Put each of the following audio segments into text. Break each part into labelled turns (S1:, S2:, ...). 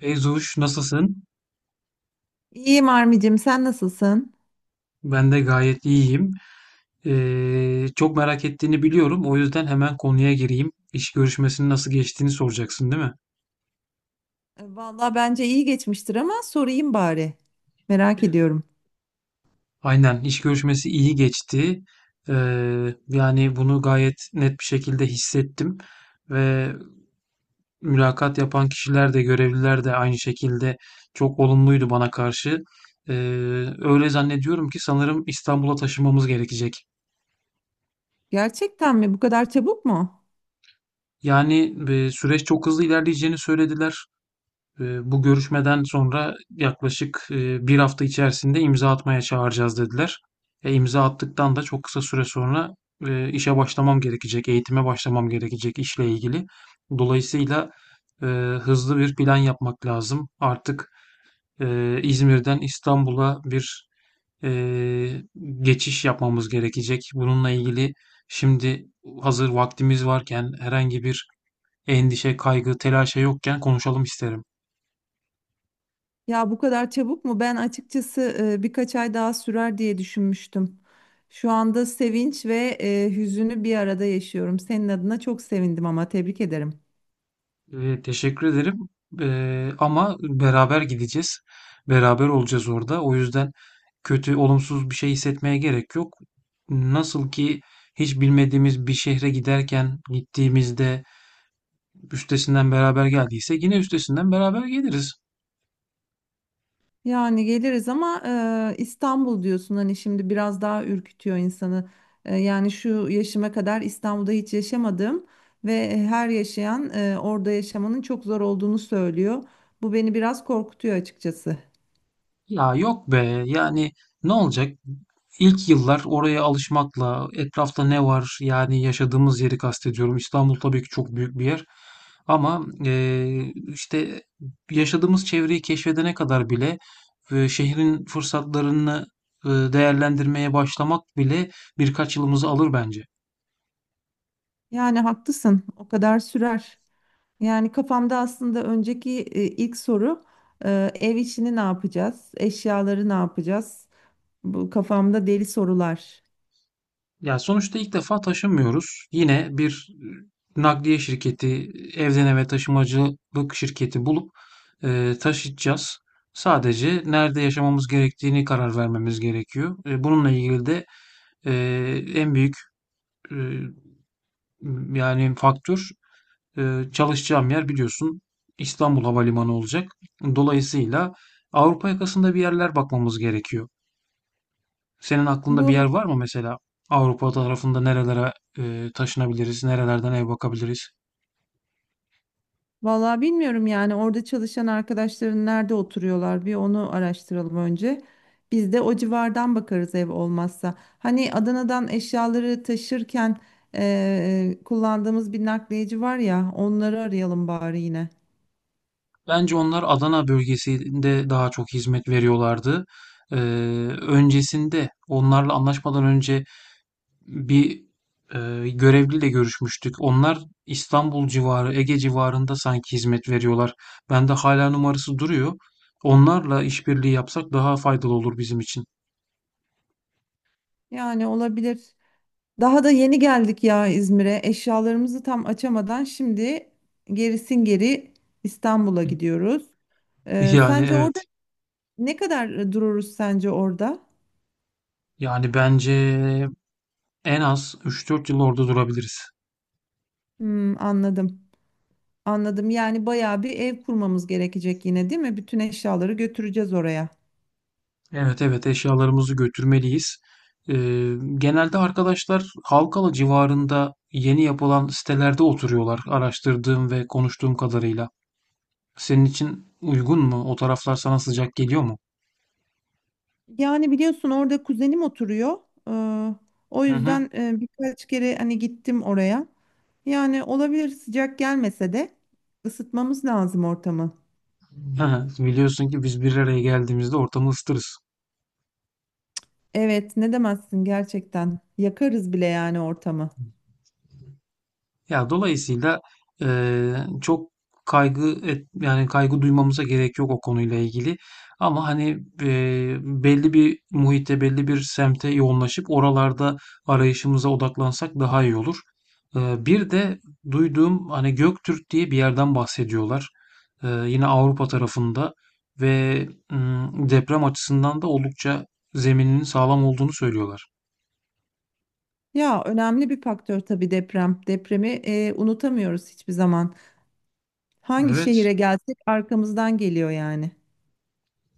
S1: Beyzuş nasılsın?
S2: İyiyim Armi'cim, sen nasılsın?
S1: Ben de gayet iyiyim. Çok merak ettiğini biliyorum. O yüzden hemen konuya gireyim. İş görüşmesinin nasıl geçtiğini soracaksın, değil mi?
S2: Vallahi bence iyi geçmiştir ama sorayım bari. Merak ediyorum.
S1: Aynen, iş görüşmesi iyi geçti. Ee, yani bunu gayet net bir şekilde hissettim. Ve mülakat yapan kişiler de görevliler de aynı şekilde çok olumluydu bana karşı. Ee, öyle zannediyorum ki sanırım İstanbul'a taşınmamız gerekecek.
S2: Gerçekten mi? Bu kadar çabuk mu?
S1: Yani süreç çok hızlı ilerleyeceğini söylediler. Bu görüşmeden sonra yaklaşık 1 hafta içerisinde imza atmaya çağıracağız dediler. E, imza attıktan da çok kısa süre sonra, işe başlamam gerekecek, eğitime başlamam gerekecek işle ilgili. Dolayısıyla, eee, hızlı bir plan yapmak lazım. Artık, İzmir'den İstanbul'a bir eee, geçiş yapmamız gerekecek. Bununla ilgili şimdi hazır vaktimiz varken, herhangi bir endişe, kaygı, telaşa yokken konuşalım isterim.
S2: Ya bu kadar çabuk mu? Ben açıkçası birkaç ay daha sürer diye düşünmüştüm. Şu anda sevinç ve hüzünü bir arada yaşıyorum. Senin adına çok sevindim ama tebrik ederim.
S1: Teşekkür ederim. Ama beraber gideceğiz. Beraber olacağız orada. O yüzden kötü, olumsuz bir şey hissetmeye gerek yok. Nasıl ki hiç bilmediğimiz bir şehre giderken gittiğimizde üstesinden beraber geldiyse yine üstesinden beraber geliriz.
S2: Yani geliriz ama İstanbul diyorsun hani şimdi biraz daha ürkütüyor insanı. Yani şu yaşıma kadar İstanbul'da hiç yaşamadım ve her yaşayan orada yaşamanın çok zor olduğunu söylüyor. Bu beni biraz korkutuyor açıkçası.
S1: Ya yok be yani ne olacak? İlk yıllar oraya alışmakla etrafta ne var, yani yaşadığımız yeri kastediyorum. İstanbul tabii ki çok büyük bir yer ama işte yaşadığımız çevreyi keşfedene kadar bile şehrin fırsatlarını değerlendirmeye başlamak bile birkaç yılımızı alır bence.
S2: Yani haklısın, o kadar sürer. Yani kafamda aslında önceki ilk soru ev işini ne yapacağız, eşyaları ne yapacağız? Bu kafamda deli sorular.
S1: Ya sonuçta ilk defa taşımıyoruz. Yine bir nakliye şirketi, evden eve taşımacılık şirketi bulup taşıtacağız. Sadece nerede yaşamamız gerektiğini karar vermemiz gerekiyor. Bununla ilgili de e, en büyük, e, yani faktör, çalışacağım yer, biliyorsun, İstanbul Havalimanı olacak. Dolayısıyla Avrupa yakasında bir yerler bakmamız gerekiyor. Senin aklında bir
S2: Bu
S1: yer var mı mesela? Avrupa tarafında nerelere taşınabiliriz, nerelerden ev bakabiliriz?
S2: Vallahi bilmiyorum yani orada çalışan arkadaşların nerede oturuyorlar bir onu araştıralım önce. Biz de o civardan bakarız ev olmazsa. Hani Adana'dan eşyaları taşırken kullandığımız bir nakliyeci var ya onları arayalım bari yine.
S1: Bence onlar Adana bölgesinde daha çok hizmet veriyorlardı. Ee, öncesinde onlarla anlaşmadan önce bir görevliyle görüşmüştük. Onlar İstanbul civarı, Ege civarında sanki hizmet veriyorlar. Bende hala numarası duruyor. Onlarla işbirliği yapsak daha faydalı olur bizim için.
S2: Yani olabilir. Daha da yeni geldik ya İzmir'e. Eşyalarımızı tam açamadan şimdi gerisin geri İstanbul'a gidiyoruz.
S1: Yani
S2: Sence orada
S1: evet.
S2: ne kadar dururuz sence orada?
S1: Yani bence en az 3-4 yıl orada durabiliriz.
S2: Hmm, anladım. Anladım. Yani bayağı bir ev kurmamız gerekecek yine, değil mi? Bütün eşyaları götüreceğiz oraya.
S1: Evet, evet, eşyalarımızı götürmeliyiz. Ee, genelde arkadaşlar Halkalı civarında yeni yapılan sitelerde oturuyorlar, araştırdığım ve konuştuğum kadarıyla. Senin için uygun mu? O taraflar sana sıcak geliyor mu?
S2: Yani biliyorsun orada kuzenim oturuyor. Ee, O
S1: Hı hı.
S2: yüzden birkaç kere hani gittim oraya. Yani olabilir sıcak gelmese de ısıtmamız lazım ortamı.
S1: Hı hı. Biliyorsun ki biz bir araya geldiğimizde ortamı ısıtırız.
S2: Evet, ne demezsin gerçekten. Yakarız bile yani ortamı.
S1: Ya dolayısıyla çok yani kaygı duymamıza gerek yok o konuyla ilgili. Ama hani belli bir muhitte, belli bir semte yoğunlaşıp oralarda arayışımıza odaklansak daha iyi olur. Bir de duyduğum, hani Göktürk diye bir yerden bahsediyorlar. Yine Avrupa tarafında ve deprem açısından da oldukça zemininin sağlam olduğunu söylüyorlar.
S2: Ya önemli bir faktör tabii deprem. Depremi unutamıyoruz hiçbir zaman. Hangi
S1: Evet.
S2: şehire gelsek arkamızdan geliyor yani.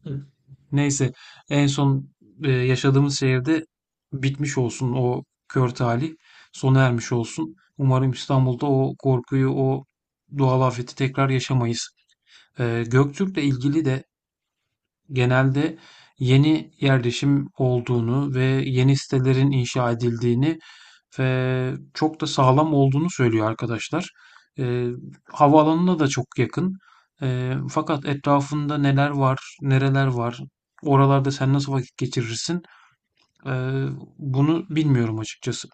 S1: Hı. Neyse, en son yaşadığımız şehirde bitmiş olsun o kör talih. Sona ermiş olsun. Umarım İstanbul'da o korkuyu, o doğal afeti tekrar yaşamayız. Göktürk'le ilgili de genelde yeni yerleşim olduğunu ve yeni sitelerin inşa edildiğini ve çok da sağlam olduğunu söylüyor arkadaşlar. Eee havaalanına da çok yakın. Fakat etrafında neler var, nereler var, oralarda sen nasıl vakit geçirirsin? Eee, bunu bilmiyorum açıkçası.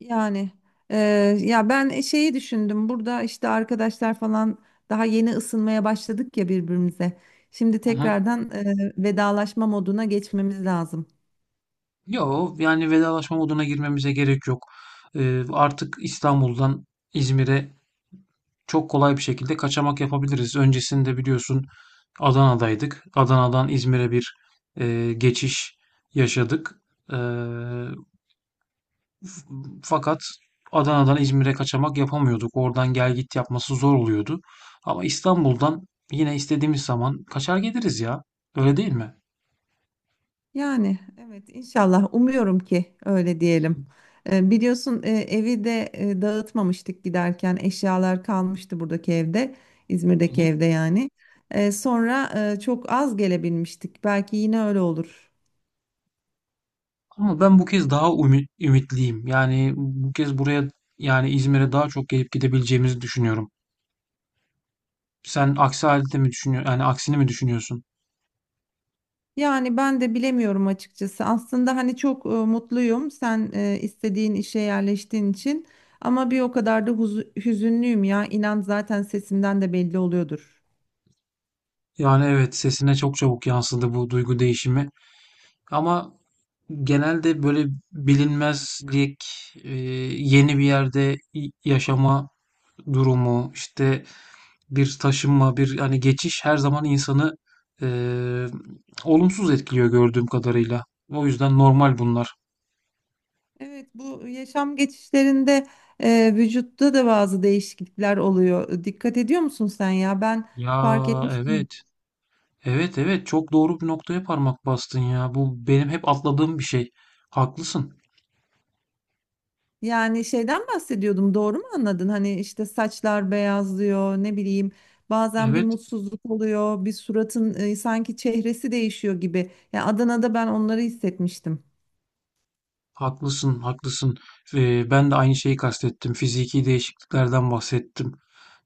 S2: Yani eee, ya ben şeyi düşündüm burada işte arkadaşlar falan daha yeni ısınmaya başladık ya birbirimize. Şimdi
S1: Hı hı.
S2: tekrardan vedalaşma moduna geçmemiz lazım.
S1: Yo, yani vedalaşma moduna girmemize gerek yok. Artık İstanbul'dan İzmir'e çok kolay bir şekilde kaçamak yapabiliriz. Öncesinde biliyorsun Adana'daydık. Adana'dan İzmir'e bir geçiş yaşadık. E, fakat Adana'dan İzmir'e kaçamak yapamıyorduk. Oradan gel git yapması zor oluyordu. Ama İstanbul'dan yine istediğimiz zaman kaçar geliriz ya. Öyle değil mi?
S2: Yani evet inşallah umuyorum ki öyle diyelim. Biliyorsun evi de dağıtmamıştık giderken eşyalar kalmıştı buradaki evde
S1: Hı
S2: İzmir'deki
S1: hı.
S2: evde yani. Sonra çok az gelebilmiştik belki yine öyle olur.
S1: Ama ben bu kez daha ümitliyim. Yani bu kez buraya, yani İzmir'e, daha çok gelip gidebileceğimizi düşünüyorum. Sen aksi halde mi düşünüyorsun? Yani aksini mi düşünüyorsun?
S2: Yani ben de bilemiyorum açıkçası. Aslında hani çok mutluyum sen istediğin işe yerleştiğin için ama bir o kadar da hüzünlüyüm ya. İnan zaten sesimden de belli oluyordur.
S1: Yani evet, sesine çok çabuk yansıdı bu duygu değişimi. Ama genelde böyle bilinmezlik, e, yeni bir yerde yaşama durumu, işte bir taşınma, bir hani geçiş her zaman insanı e, olumsuz etkiliyor gördüğüm kadarıyla. O yüzden normal bunlar.
S2: Evet bu yaşam geçişlerinde vücutta da bazı değişiklikler oluyor. Dikkat ediyor musun sen ya? Ben
S1: Ya
S2: fark etmiştim.
S1: evet, evet, evet, çok doğru bir noktaya parmak bastın ya. Bu benim hep atladığım bir şey. Haklısın.
S2: Yani şeyden bahsediyordum doğru mu anladın? Hani işte saçlar beyazlıyor ne bileyim bazen bir
S1: Evet.
S2: mutsuzluk oluyor bir suratın sanki çehresi değişiyor gibi. Yani Adana'da ben onları hissetmiştim.
S1: Haklısın, haklısın. Ben de aynı şeyi kastettim. Fiziki değişikliklerden bahsettim.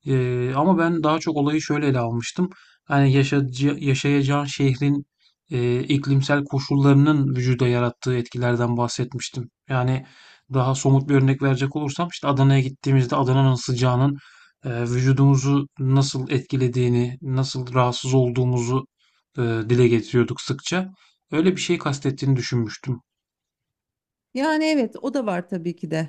S1: Ama ben daha çok olayı şöyle ele almıştım. Hani yaşayacağın şehrin iklimsel koşullarının vücuda yarattığı etkilerden bahsetmiştim. Yani daha somut bir örnek verecek olursam, işte Adana'ya gittiğimizde Adana'nın sıcağının vücudumuzu nasıl etkilediğini, nasıl rahatsız olduğumuzu dile getiriyorduk sıkça. Öyle bir şey kastettiğini düşünmüştüm.
S2: Yani evet o da var tabii ki de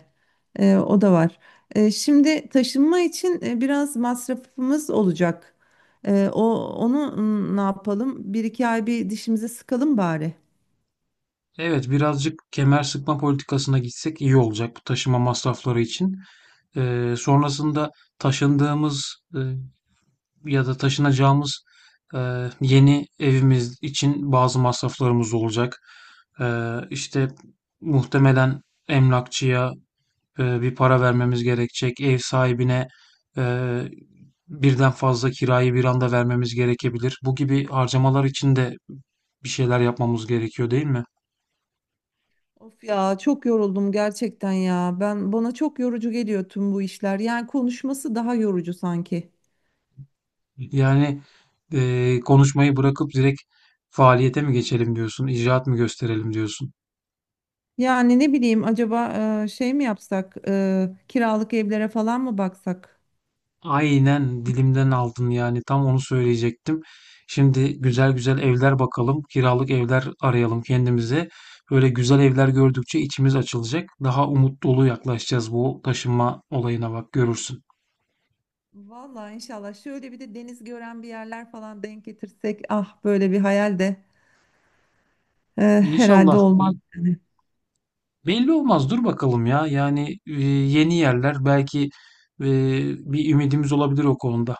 S2: E, o da var. E, şimdi taşınma için biraz masrafımız olacak. O onu ne yapalım bir iki ay bir dişimize sıkalım bari.
S1: Evet, birazcık kemer sıkma politikasına gitsek iyi olacak bu taşıma masrafları için. Sonrasında taşındığımız, ya da taşınacağımız, yeni evimiz için bazı masraflarımız olacak. İşte muhtemelen emlakçıya bir para vermemiz gerekecek. Ev sahibine e, birden fazla kirayı bir anda vermemiz gerekebilir. Bu gibi harcamalar için de bir şeyler yapmamız gerekiyor, değil mi?
S2: Of ya çok yoruldum gerçekten ya. Ben bana çok yorucu geliyor tüm bu işler. Yani konuşması daha yorucu sanki.
S1: Yani konuşmayı bırakıp direkt faaliyete mi geçelim diyorsun, icraat mı gösterelim diyorsun.
S2: Yani ne bileyim acaba şey mi yapsak? Kiralık evlere falan mı baksak?
S1: Aynen, dilimden aldın, yani tam onu söyleyecektim. Şimdi güzel güzel evler bakalım, kiralık evler arayalım kendimize. Böyle güzel evler gördükçe içimiz açılacak. Daha umut dolu yaklaşacağız bu taşınma olayına, bak görürsün.
S2: Vallahi inşallah şöyle bir de deniz gören bir yerler falan denk getirsek ah böyle bir hayal de herhalde
S1: İnşallah
S2: olmaz. Yani.
S1: belli olmaz, dur bakalım ya. Yani yeni yerler belki e, bir ümidimiz olabilir o konuda.